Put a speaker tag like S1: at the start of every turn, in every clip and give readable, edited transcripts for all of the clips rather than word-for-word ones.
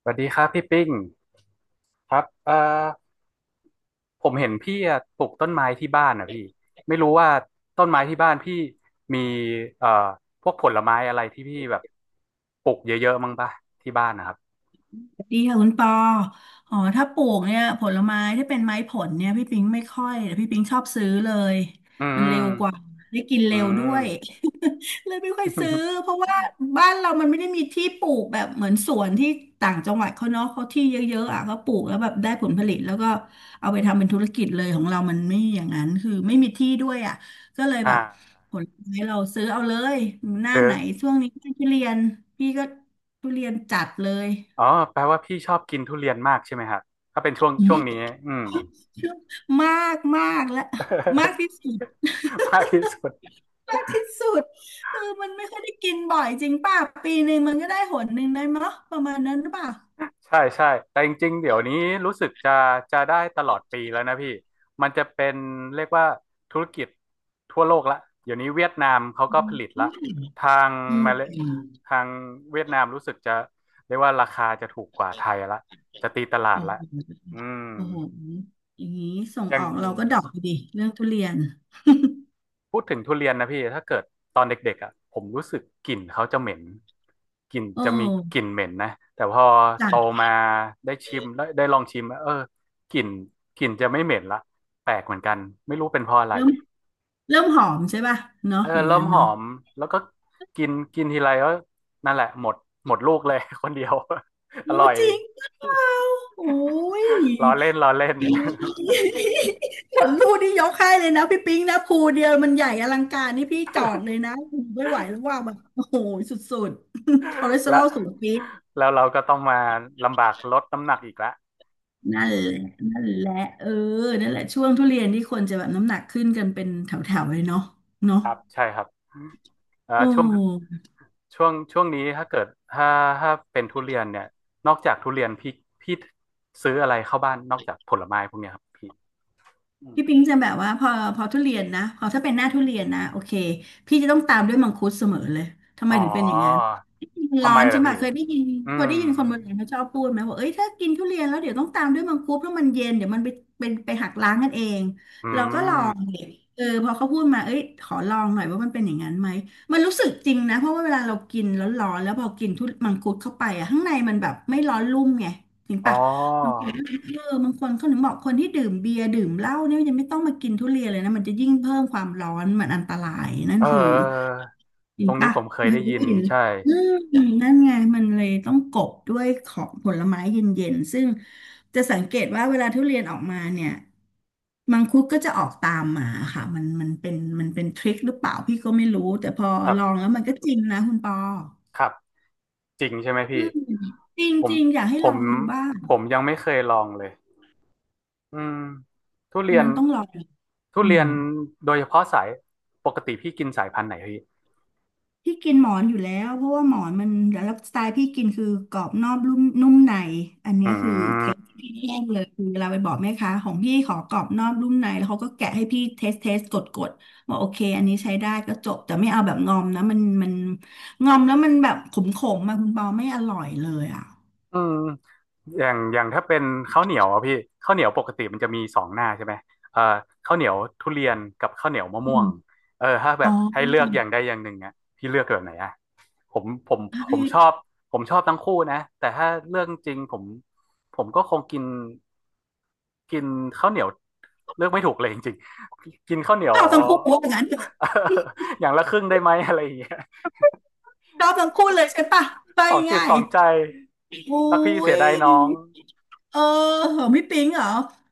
S1: สวัสดีครับพี่ปิ้งครับผมเห็นพี่อะปลูกต้นไม้ที่บ้านนะพี่ไม่รู้ว่าต้นไม้ที่บ้านพี่มีเอ่อพวกผลไม้อะไรที่พี่แบบปลูกเยอะๆมั้งปะที่บ้านนะครับ
S2: ดีค่ะคุณปออ๋อถ้าปลูกเนี่ยผลไม้ที่เป็นไม้ผลเนี่ยพี่ปิงไม่ค่อยแต่พี่ปิงชอบซื้อเลย
S1: อื
S2: มันเร็
S1: ม
S2: วกว่าได้กิน
S1: อื
S2: เร็วด้
S1: ม
S2: วย เลยไม่ค่อยซื้อเพ ราะว่าบ้านเรามันไม่ได้มีที่ปลูกแบบเหมือนสวนที่ต่างจังหวัดเขาเนาะเขาที่เยอะๆอ่ะก็ปลูกแล้วแบบได้ผลผลิตแล้วก็เอาไปทำเป็นธุรกิจเลยของเรามันไม่อย่างนั้นคือไม่มีที่ด้วยอ่ะก็เลยแบ
S1: อ่า
S2: บผลไม้เราซื้อเอาเลยหน้า
S1: ซื้อ
S2: ไหนช่วงนี้ทุเรียนพี่ก็ทุเรียนจัดเลย
S1: อ๋อแปลว่าพี่ชอบกินทุเรียนมากใช่ไหมครับถ้าเป็นช่วงช่วงนี้อืม
S2: มากมากและมากที่สุด
S1: มากที่สุด
S2: มากที่สุดคือมันไม่ค่อยได้กินบ่อยจริงป่ะปีหนึ่งมันก็ได้หนหนึ่งได้มั้งประมาณนั้นหรือเปล่า
S1: ใช่ใช่แต่จริงๆเดี๋ยวนี้รู้สึกจะจะได้ตลอดปีแล้วนะพี่มันจะเป็นเรียกว่าธุรกิจทั่วโลกละเดี๋ยวนี้เวียดนามเขา
S2: อื
S1: ก็ผลิตละ
S2: ม
S1: ทาง
S2: อื
S1: มาเล
S2: ม
S1: ทางเวียดนามรู้สึกจะเรียกว่าราคาจะถูกกว่าไทยละจะตีตลาด
S2: โอ้โ
S1: ละอื
S2: ห
S1: ม
S2: โอ้โหอย่างนี้ส่ง
S1: ยั
S2: อ
S1: ง
S2: อกเราก็ดรอกดีเรื่องทุเรียน
S1: พูดถึงทุเรียนนะพี่ถ้าเกิดตอนเด็กๆอ่ะผมรู้สึกกลิ่นเขาจะเหม็นกลิ่น
S2: โอ้
S1: จะมีกลิ่นเหม็นนะแต่พอ
S2: จั
S1: โต
S2: ด
S1: มาได้ชิมได้ได้ลองชิมเออกลิ่นกลิ่นจะไม่เหม็นละแปลกเหมือนกันไม่รู้เป็นเพราะอะไร
S2: เริ่มหอมใช่ป่ะ
S1: เอ
S2: เนาะ
S1: อ
S2: อย่าง
S1: เริ่ม
S2: นั้น
S1: หอ
S2: เนาะ
S1: มแล้วก็กินกินทีไรก็นั่นแหละหมดหมดลูกเลย คนเดียว อ
S2: โอ้
S1: ร่อย
S2: จริงหรือเปล่าโอ้ย
S1: ล้อเล่นล้อเล่น
S2: ผลลูกที่ยกให้เลยนะพี่ปิ๊งนะภูเดียวมันใหญ่อลังการนี่พี่จอดเลยนะไม่ไหวแล้วว่าแบบโอ้โหสุดๆคอเลส เตอร
S1: และ
S2: อลสูงปี๊ด
S1: แล้วเราก็ต้องมาลำบากลดน้ำหนักอีกแล้ว
S2: นั่นแหละนั่นแหละเออนั่นแหละช่วงทุเรียนที่คนจะแบบน้ำหนักขึ้นกันเป็นแถวๆเลยเนาะเนาะ
S1: ครับใช่ครับ
S2: โอ
S1: ช่วง
S2: ้
S1: ช่วงช่วงนี้ถ้าเกิดถ้าถ้าเป็นทุเรียนเนี่ยนอกจากทุเรียนพี่พี่ซื้ออะไรเข้าบ้านนอกจากผลไม้พวกเนี้ยครับพี่อืม
S2: พี่ปิ๊งจะแบบว่าพอพอทุเรียนนะพอถ้าเป็นหน้าทุเรียนนะโอเคพี่จะต้องตามด้วยมังคุดเสมอเลยทำไม
S1: อ๋อ
S2: ถึงเป็นอย่างนั้น มน
S1: ทำ
S2: ร้อ
S1: ไม
S2: นใช่
S1: ล่ะ
S2: ไหม
S1: พี่
S2: เคยได้ยิน
S1: อื
S2: เคย
S1: ม
S2: ได้ยินคนโบราณเขาชอบพูดไหมว่าเอ้ยถ้ากินทุเรียนแล้วเดี๋ยวต้องตามด้วยมังคุดเพราะมันเย็นเดี๋ยวมันไปเป็นไปหักล้างกันเอง
S1: อื
S2: เราก็ลอง
S1: ม
S2: ดิเออพอเขาพูดมาเอ้ยขอลองหน่อยว่ามันเป็นอย่างนั้นไหมมันรู้สึกจริงนะเพราะว่าเวลาเรากินแล้วร้อนแล้วพอกินทุมังคุดเข้าไปอะข้างในมันแบบไม่ร้อนลุ่มไงจริง
S1: อ๋อ
S2: ปะบางคนเออบางคนเขาถึงบอกคนที่ดื่มเบียร์ดื่มเหล้าเนี่ยยังไม่ต้องมากินทุเรียนเลยนะมันจะยิ่งเพิ่มความร้อนมันอันตรายนั่น
S1: เออ
S2: คือ
S1: เออ
S2: เห็
S1: ตร
S2: น
S1: งนี้
S2: ปะ
S1: ผมเค
S2: เค
S1: ยได้
S2: ยได้
S1: ยิน
S2: ยิน
S1: ใช่
S2: อืมนั่นไง มันเลยต้องกบด้วยของผลไม้เย็นๆ ซึ่งจะสังเกตว่าเวลาทุเรียนออกมาเนี่ย มังคุดก็จะออกตามมาค่ะ มันเป็นทริคหรือเปล่าพี่ก็ไม่รู้แต่พอ
S1: ครั
S2: ลอง
S1: บ
S2: แล้วมันก็จริงนะคุณปอ
S1: ครับจริงใช่ไหม
S2: อื
S1: พี่
S2: มจริง
S1: ผ
S2: จ
S1: ม
S2: ริงอยากให้
S1: ผ
S2: ลอ
S1: ม
S2: งดูบ้าง
S1: ผมยังไม่เคยลองเลยอืมทุเรี
S2: อัน
S1: ยน
S2: นั้นต้องลอง
S1: ทุ
S2: อื
S1: เรีย
S2: ม
S1: นโดยเฉพาะสายปกติพี่กินสายพันธุ์ไหนพี่
S2: พี่กินหมอนอยู่แล้วเพราะว่าหมอนมันแล้วสไตล์พี่กินคือกรอบนอกนุ่มในอันเนี้ย
S1: อื
S2: คือเทค
S1: ม
S2: ที่พี่แย่งเลยคือเราไปบอกแม่ค้าของพี่ขอกรอบนอกนุ่มในแล้วเขาก็แกะให้พี่เทสเทสกดกดบอกโอเคอันนี้ใช้ได้ก็จบแต่ไม่เอาแบบงอมนะมันงอมแล้วมันแบบขมขมมาคุณปอไม่อร่อยเลยอ่ะ
S1: อืมอย่างอย่างถ้าเป็นข้าวเหนียวอะพี่ข้าวเหนียวปกติมันจะมีสองหน้าใช่ไหมเอ่อข้าวเหนียวทุเรียนกับข้าวเหนียวมะ
S2: อื
S1: ม่วง
S2: ม
S1: เออถ้าแบ
S2: อ๋อ
S1: บให้เลือกอย่างใดอย่างหนึ่งอะพี่เลือกแบบไหนอะผมผมผมชอบผมชอบทั้งคู่นะแต่ถ้าเรื่องจริงผมผมก็คงกินกินข้าวเหนียวเลือกไม่ถูกเลยจริงๆกินข้าวเหนีย
S2: ช
S1: ว
S2: อบทั้งคู่ว่าอย่างนั้นเถอะ
S1: อย่างละครึ่งได้ไหมอะไรอย่างเงี้ย
S2: ชอบทั้งคู่เลยใช่ปะไป
S1: สองจิต
S2: ง่า
S1: ส
S2: ย
S1: องใจ
S2: ๆอุ้
S1: รักพี่เสีย
S2: ย
S1: ดายน้อง
S2: เออเหรอพี่ปิงเหรอ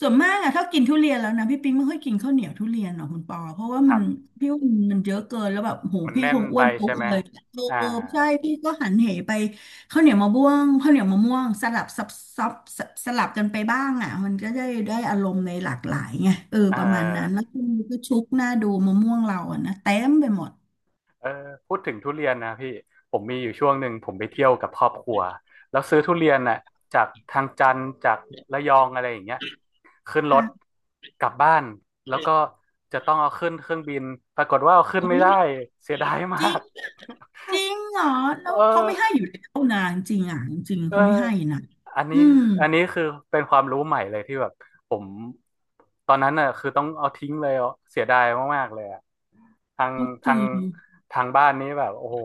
S2: ส่วนมากอะถ้ากินทุเรียนแล้วนะพี่ปิงไม่ค่อยกินข้าวเหนียวทุเรียนหรอกคุณปอเพราะว่า
S1: ค
S2: มั
S1: รั
S2: น
S1: บ
S2: พี่ว่ามันเยอะเกินแล้วแบบโห
S1: มัน
S2: พี่
S1: แน่
S2: ค
S1: น
S2: งอ้
S1: ไป
S2: วนปุ๊บ
S1: ใช่ไหม
S2: เลยเออ
S1: อ่า
S2: ใช่พี่ก็หันเหไปข้าวเหนียวมะม่วงข้าวเหนียวมะม่วงสลับซับซับสสลับกันไปบ้างอะมันก็ได้ได้อารมณ์ในหลากหลายไงเออ
S1: เออ
S2: ประมาณนั้นแล้วก็ชุกหน้าดูมะม่วงเราอะนะเต็มไปหมด
S1: เออพูดถึงทุเรียนนะพี่ ผมมีอยู่ช่วงหนึ่งผมไปเที่ยวกับครอบครัว แล้วซื้อทุเรียนน่ะจากทางจันทร์จากระยองอะไรอย่างเงี้ยขึ้นรถ
S2: ค่ะ
S1: กลับบ้านแล้วก็จะต้องเอาขึ้นเครื่องบินปรากฏว่าเอาขึ้น
S2: โอ้
S1: ไม่ได้
S2: ย
S1: เสียดายมา
S2: จริง
S1: ก
S2: จริงเหรอ แล้
S1: เออ
S2: วเขาไม่ให้อยู่แล้วนะจริงอ่ะจริง
S1: เออ
S2: เขาไม่ให้นะ
S1: อัน
S2: อื
S1: นี้
S2: ม
S1: อันนี้คือเป็นความรู้ใหม่เลยที่แบบผมตอนนั้นน่ะคือต้องเอาทิ้งเลยอ่ะเสียดายมากๆเลยอ่ะทาง
S2: เขาจ
S1: ทา
S2: ริ
S1: ง
S2: ง
S1: ทางบ้านนี้แบบโอ้โห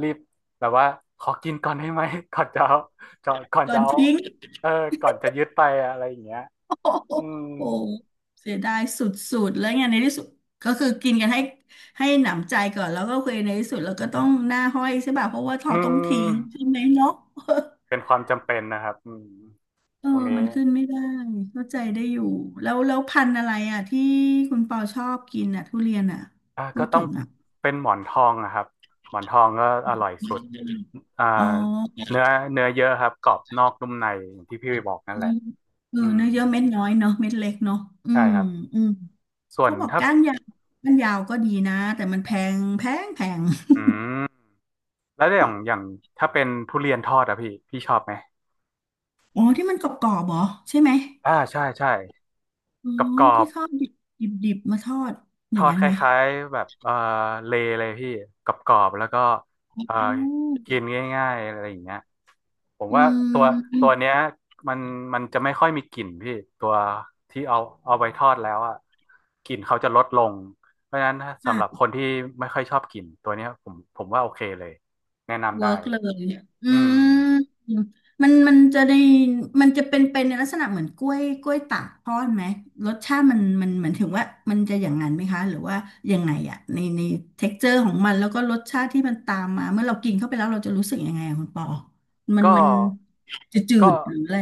S1: รีบแบบว่าขอกินก่อนได้ไหม ก่อนจะเอาจะก่อน
S2: โด
S1: จะ
S2: น
S1: เอา
S2: ทิ้ง
S1: เออก่อนจะยึดไปอะไรอย่างเงี้ย
S2: โอ้โห
S1: อืม
S2: โอ้โหเสียดายสุดๆแล้วไงในที่สุดก็คือกินกันให้หนำใจก่อนแล้วก็เคือในที่สุดเราก็ต้องหน้าห้อยใช่ป่ะเพราะว่า
S1: อื
S2: เขาต้องทิ้งใช่
S1: ม
S2: ไหมเนาะ
S1: เป็นความจำเป็นนะครับอืม
S2: เออ
S1: ตรงนี้
S2: มันขึ้นไม่ได้เข้าใจได้อยู่แล้วพันธุ์อะไรอ่ะที่คุณปอชอบกินอ่ะทุเรียนอ่ะ
S1: อ่ะ
S2: พู
S1: ก็
S2: ด
S1: ต้อ
S2: ถึ
S1: ง
S2: งอ่ะ
S1: เป็นหมอนทองนะครับหมอนทองก็อร่อยสุดอ่า
S2: อ๋อ
S1: เนื้อเนื้อเยอะครับกรอบนอกนุ่มในอย่างที่พี่บอกนั่นแห
S2: เนื้
S1: ละ
S2: อเออ
S1: อืม
S2: เนื้อเยอะเม็ดน้อยเนาะเม็ดเล็กเนาะอื
S1: ใช่
S2: ม
S1: ครับ
S2: อืม
S1: ส่วน
S2: เขาบอก
S1: ถ้า
S2: ก้านยาวก้านยาวก็ดีนะแต่มันแพงแพง
S1: อืมแล้วอย่างอย่างถ้าเป็นทุเรียนทอดอะพี่พี่ชอบไหม
S2: อ๋อที่มันกรอบๆเหรอใช่ไหม
S1: อ่าใช่ใช่
S2: อ๋อ
S1: กรอบกรอ
S2: ที่
S1: บ
S2: เขาดิบดิบๆมาทอด
S1: ท
S2: อย่า
S1: อ
S2: ง
S1: ด
S2: นั้น
S1: ค
S2: ไหม
S1: ล้ายๆแบบเออเลเลยพี่กรอบๆแล้วก็
S2: อื
S1: เออกิ
S2: ม
S1: นง่ายๆอะไรอย่างเงี้ยผม
S2: อื
S1: ว่าตัวตั
S2: ม
S1: วเนี้ยมันมันจะไม่ค่อยมีกลิ่นพี่ตัวที่เอาเอาไปทอดแล้วอ่ะกลิ่นเขาจะลดลงเพราะฉะนั้น
S2: ค่
S1: สำหรับ
S2: ะ
S1: คนที่ไม่ค่อยชอบกลิ่นตัวเนี้ยผมผมว่าโอเคเลยแนะนำได้
S2: เวิร์กเลยอื
S1: อืม
S2: มมันจะได้มันจะเป็นในลักษณะเหมือนกล้วยตากทอดไหม รสชาติมันเหมือนถึงว่ามันจะอย่างนั้นไหมคะ หรือว่ายังไงอะในเท็กเจอร์ของมันแล้วก็รสชาติที่มันตามมาเมื่อเรากินเข้าไปแล้วเราจะรู้สึกยังไงอะคุณปอมัน
S1: ก็
S2: มันจะจื
S1: ก็
S2: ดหรืออะไร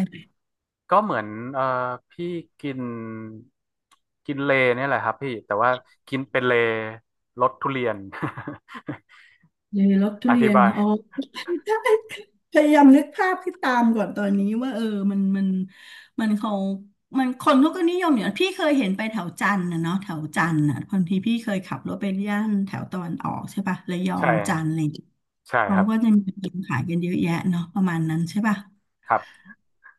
S1: ก็เหมือนเอ่อพี่กินกินเลเนี่ยแหละครับพี่แต่ว่ากินเป็นเลรสทุเรียน
S2: เลยรสทุ
S1: อ
S2: เรี
S1: ธิ
S2: ยน
S1: บาย
S2: อ๋อ ใช่พยายามนึกภาพให้ตามก่อนตอนนี้ว่าเออมันมันมันเขามันคนเขาก็นิยมอย่างพี่เคยเห็นไปแถวจันทร์นะเนาะแถวจันทร์อ่ะบางทีพี่เคยขับรถไปย่านแถวตะวันออกใช่ป่ะระยอ
S1: ใช่
S2: งจันทร์อะไรอย่างเงี้ย
S1: ใช่ค
S2: เขา
S1: รับ
S2: ก็จะมีขายกันเยอะแยะเนาะประมาณนั้นใช่ป่ะ
S1: ครับ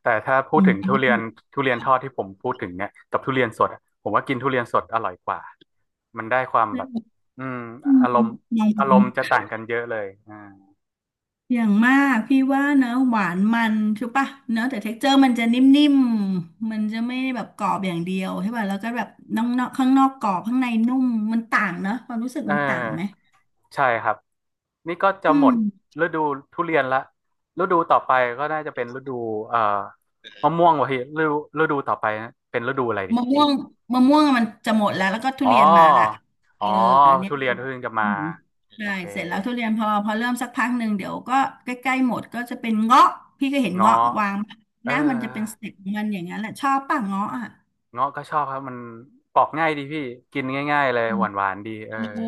S1: แต่ถ้าพูด
S2: อื
S1: ถึงทุ
S2: ม
S1: เรียนทุเรียนทอดที่ผมพูดถึงเนี่ยกับทุเรียนสดอะผมว่ากินทุเรียนสดอร่อยกว่ามันได้ความแบบอืม
S2: อื
S1: อารมณ์อาร
S2: ม
S1: มณ์จะต่างกันเยอะเลยอ่า
S2: อย่างมากพี่ว่านะหวานมันใช่ปะเนอะแต่เท็กเจอร์มันจะนิ่มๆมันจะไม่แบบกรอบอย่างเดียวใช่ป่ะแล้วก็แบบนอกๆข้างนอกกรอบข้างในนุ่มมันต่างเนอะความรู้สึก
S1: เอ
S2: มันต่างไหม
S1: อใช่ครับ นี่ก็จะ
S2: อื
S1: หม
S2: ม
S1: ดฤดูทุเรียนละฤดูต่อไปก็น่าจะเป็นฤดูเอ่อมะม่วงวะพี่ฤดูฤดูต่อไปเป็นฤดูอะไรดิ
S2: มะม่วงมะม่วงมันจะหมดแล้วแล้วก็ทุ
S1: อ๋อ
S2: เรียนมาละ
S1: อ๋
S2: เอ
S1: อ
S2: ออันเนี้ย
S1: ทุเรียนเพิ่งจะมา
S2: อืม
S1: โอ
S2: ใช่
S1: เค
S2: เสร็จแล้วทุเรียนพอเริ่มสักพักหนึ่งเดี๋ยวก็ใกล้ๆหมดก็จะเป็นเงาะพี่ก็เห็นเงาะ
S1: เงาะ
S2: วาง
S1: เออ
S2: นะมันจะเป็นสเต็ปของมันอย่างนั้นแหละชอบป่ะเงาะอ่ะ
S1: เงาะก็ชอบครับมันปอกง่ายดีพี่กินง่ายๆเลยหวานๆดีเออ
S2: เออ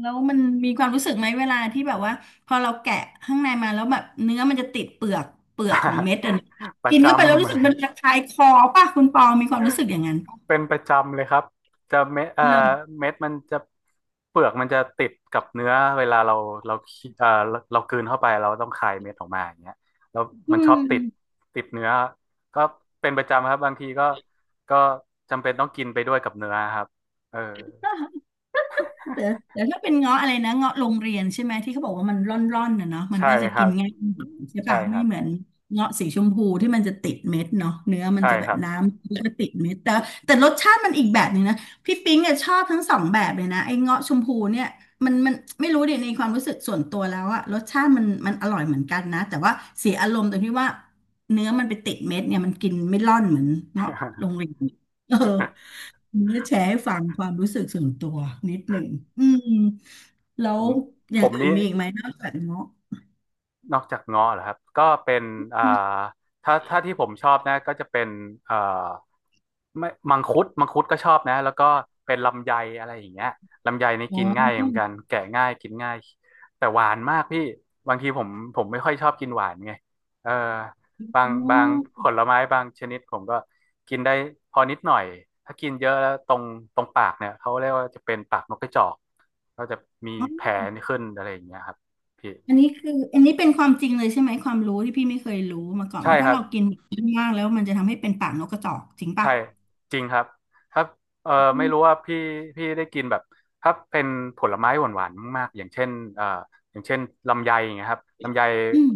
S2: แล้วมันมีความรู้สึกไหมเวลาที่แบบว่าพอเราแกะข้างในมาแล้วแบบเนื้อมันจะติดเปลือกเปลือกของเม็ดอ่ะนะ
S1: ประ
S2: กิน
S1: จ
S2: เข้าไปแล้ว
S1: ำเล
S2: รู้สึกมันจะ
S1: ย
S2: คายคอป่ะคุณปอมีความรู้สึกอย่างนั้นป่ะ
S1: เป็นประจำเลยครับจะเม็ด
S2: เลย
S1: เม็ดมันจะเปลือกมันจะติดกับเนื้อเวลาเราเราเคี้เอ่อเราเรากลืนเข้าไปเราต้องคายเม็ดออกมาอย่างเงี้ยแล้ว
S2: อื
S1: มันชอบติด
S2: ม
S1: ติดเนื้อก็เป็นประจำครับบางทีก็จำเป็นต้องกินไปด้วยกับเนื้อครับเออ
S2: แต่แต่ถ้าเป็นเงาะอะไรนะเงาะโรงเรียนใช่ไหมที่เขาบอกว่ามันร่อนๆน่ะเนาะมัน
S1: ใช่
S2: ก็จะ
S1: ค
S2: กิ
S1: รั
S2: น
S1: บ
S2: ง่ายหน่อยใช่
S1: ใช่
S2: ปะ
S1: ค
S2: ไม่
S1: รับ
S2: เหมือนเงาะสีชมพูที่มันจะติดเม็ดเนาะเนื้อมัน
S1: ใช่
S2: จะแบ
S1: ค
S2: บ
S1: รับ
S2: น้ำมันก็ติดเม็ดแต่แต่รสชาติมันอีกแบบหนึ่งนะพี่ปิ๊งอะชอบทั้งสองแบบเลยนะไอ้เงาะชมพูเนี่ยมันไม่รู้ดิในความรู้สึกส่วนตัวแล้วอะรสชาติมันอร่อยเหมือนกันนะแต่ว่าเสียอารมณ์ตรงที่ว่าเนื้อมันไปติดเม็ดเนี่ยมันกินไม่ร่อนเหมือนเงาะโรงเรียนเออ เนี่ยแชร์ให้ฟังความรู้สึกส่วนตัวนิดหนึ่ง อืมแล้
S1: ผ
S2: ว
S1: ม
S2: อ
S1: ผ
S2: ย่าง
S1: ม
S2: อื่น
S1: นี่
S2: มีอีกไหมนอกจากเงาะ
S1: นอกจากเงาะเหรอครับก็เป็นอ่าถ้าที่ผมชอบนะก็จะเป็นเอ่อไม่มังคุดก็ชอบนะแล้วก็เป็นลำไยอะไรอย่างเงี้ยลำไยนี่
S2: อ๋
S1: กิ
S2: อ
S1: นง่ายเหมือนกันแกะง่ายกินง่ายแต่หวานมากพี่บางทีผมผมไม่ค่อยชอบกินหวานไงเออบา
S2: อ
S1: งบางผ
S2: ๋อ
S1: ลไม้บางชนิดผมก็กินได้พอนิดหน่อยถ้ากินเยอะแล้วตรงปากเนี่ยเขาเรียกว่าจะเป็นปากนกกระจอกก็จะมีแผลขึ้นอะไรอย่างเงี้ยครับพี่
S2: อันนี้คืออันนี้เป็นความจริงเลยใช่ไหมความรู้ที่พี่ไม่เคยรู้มาก่อน
S1: ใช่
S2: ว่า
S1: ค
S2: ถ้า
S1: รับ
S2: เรากินมากแล้วมันจะทำให้เป็นปากนกกระจอกจริง
S1: ใช่
S2: ปะ
S1: จริงครับถ้าเออ
S2: อื
S1: ไม่
S2: ม
S1: รู้ว่าพี่ได้กินแบบถ้าเป็นผลไม้หวานๆมากๆอย่างเช่นเอ่ออย่างเช่นลำไยอย่างเงี้ยครับ
S2: อืม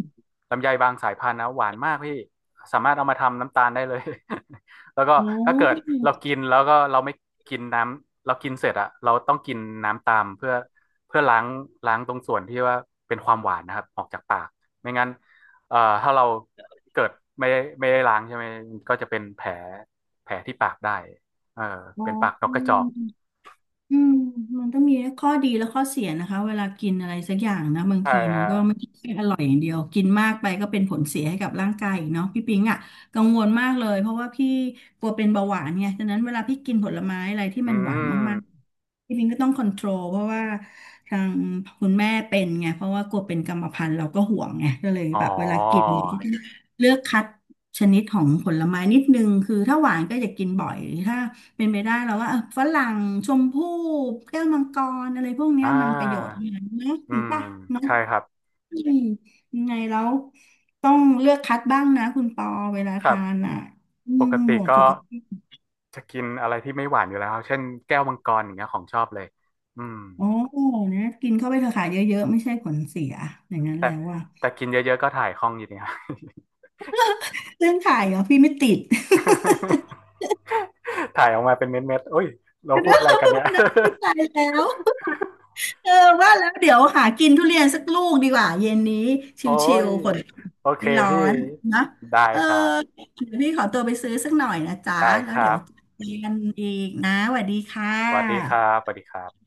S1: ลำไยบางสายพันธุ์นะหวานมากพี่สามารถเอามาทำน้ำตาลได้เลย แล้วก็
S2: โอ
S1: ถ้าเกิด
S2: ้
S1: เรากินแล้วก็เราไม่กินน้ำเรากินเสร็จอะเราต้องกินน้ำตามเพื่อเพื่อล้างตรงส่วนที่ว่าเป็นความหวานนะครับออกจากปากไม่งั้นถ้าเราเกิดไม่ได้ล้างใช่ไหมก็จะเป็นแผล แผลที่ปากได้เออ
S2: อ๋
S1: เป็นปากนกกระจ
S2: อ
S1: อก
S2: อืมมันก็มีข้อดีและข้อเสียนะคะเวลากินอะไรสักอย่างนะบาง
S1: ใช่
S2: ทีมัน
S1: ฮะ
S2: ก็ไม่ใช่แค่อร่อยอย่างเดียวกินมากไปก็เป็นผลเสียให้กับร่างกายอีกเนาะพี่ปิงอ่ะกังวลมากเลยเพราะว่าพี่กลัวเป็นเบาหวานไงฉะนั้นเวลาพี่กินผลไม้อะไรที่
S1: อื
S2: มันหวานมาก
S1: ม
S2: ๆพี่ปิงก็ต้องคอนโทรลเพราะว่าทางคุณแม่เป็นไงเพราะว่ากลัวเป็นกรรมพันธุ์เราก็ห่วงไงก็เลย
S1: อ๋อ
S2: แบบเวลากินเลือกคัดชนิดของผลไม้นิดนึงคือถ้าหวานก็อย่ากินบ่อยถ้า เป็นไปได้แล้วว่าเออฝรั่งชมพู่แก้วมังกรอะไรพวกเนี้
S1: อ่
S2: ยมันประโยชน์
S1: า
S2: นะเนอะ
S1: อื
S2: จริง
S1: ม
S2: ป่ะเนาะ
S1: ใช่ครับ
S2: อืมยังไงแล้วต้องเลือกคัดบ้างนะคุณปอเวลา
S1: ครั
S2: ทาน
S1: บ
S2: อ่ะอื
S1: ป
S2: ม
S1: กติ
S2: ห่วง
S1: ก็
S2: สุขภาพ
S1: จะกินอะไรที่ไม่หวานอยู่แล้วครับเช่นแก้วมังกรอย่างเงี้ยของชอบเลยอืม
S2: โอ้เนี่ยกินเข้าไปเถอะค่ะเยอะๆไม่ใช่ผลเสียอย่างนั้น
S1: แต่
S2: แล้วอ่ะ
S1: แต่กินเยอะๆก็ถ่ายคล่องอยู่ดีครับ
S2: เรื่องถ่ายเหรอพี่ไม่ติด
S1: ถ่ายออกมาเป็นเม็ดๆโอ้ยเรา พู
S2: เรื่
S1: ด
S2: อง
S1: อะไรกั
S2: ป
S1: น
S2: ระ
S1: เนี่ย
S2: มาณนั้นไม่ตายแล้ว เออว่าแล้วเดี๋ยวหากินทุเรียนสักลูกดีกว่าเย็นนี้
S1: โอ้
S2: ชิล
S1: ย
S2: ๆฝน
S1: โอเค
S2: ไม่ร้อ
S1: พี่
S2: นนะ
S1: ได้
S2: เออ
S1: ครับ
S2: เดี๋ยวพี่ขอตัวไปซื้อสักหน่อยนะจ๊ะ
S1: ได้
S2: แล้
S1: ค
S2: ว
S1: รั
S2: เดี๋ยว
S1: บ
S2: เจอกันอีกนะสวัสดีค่ะ
S1: สวัสดีครับสวัสดีครับ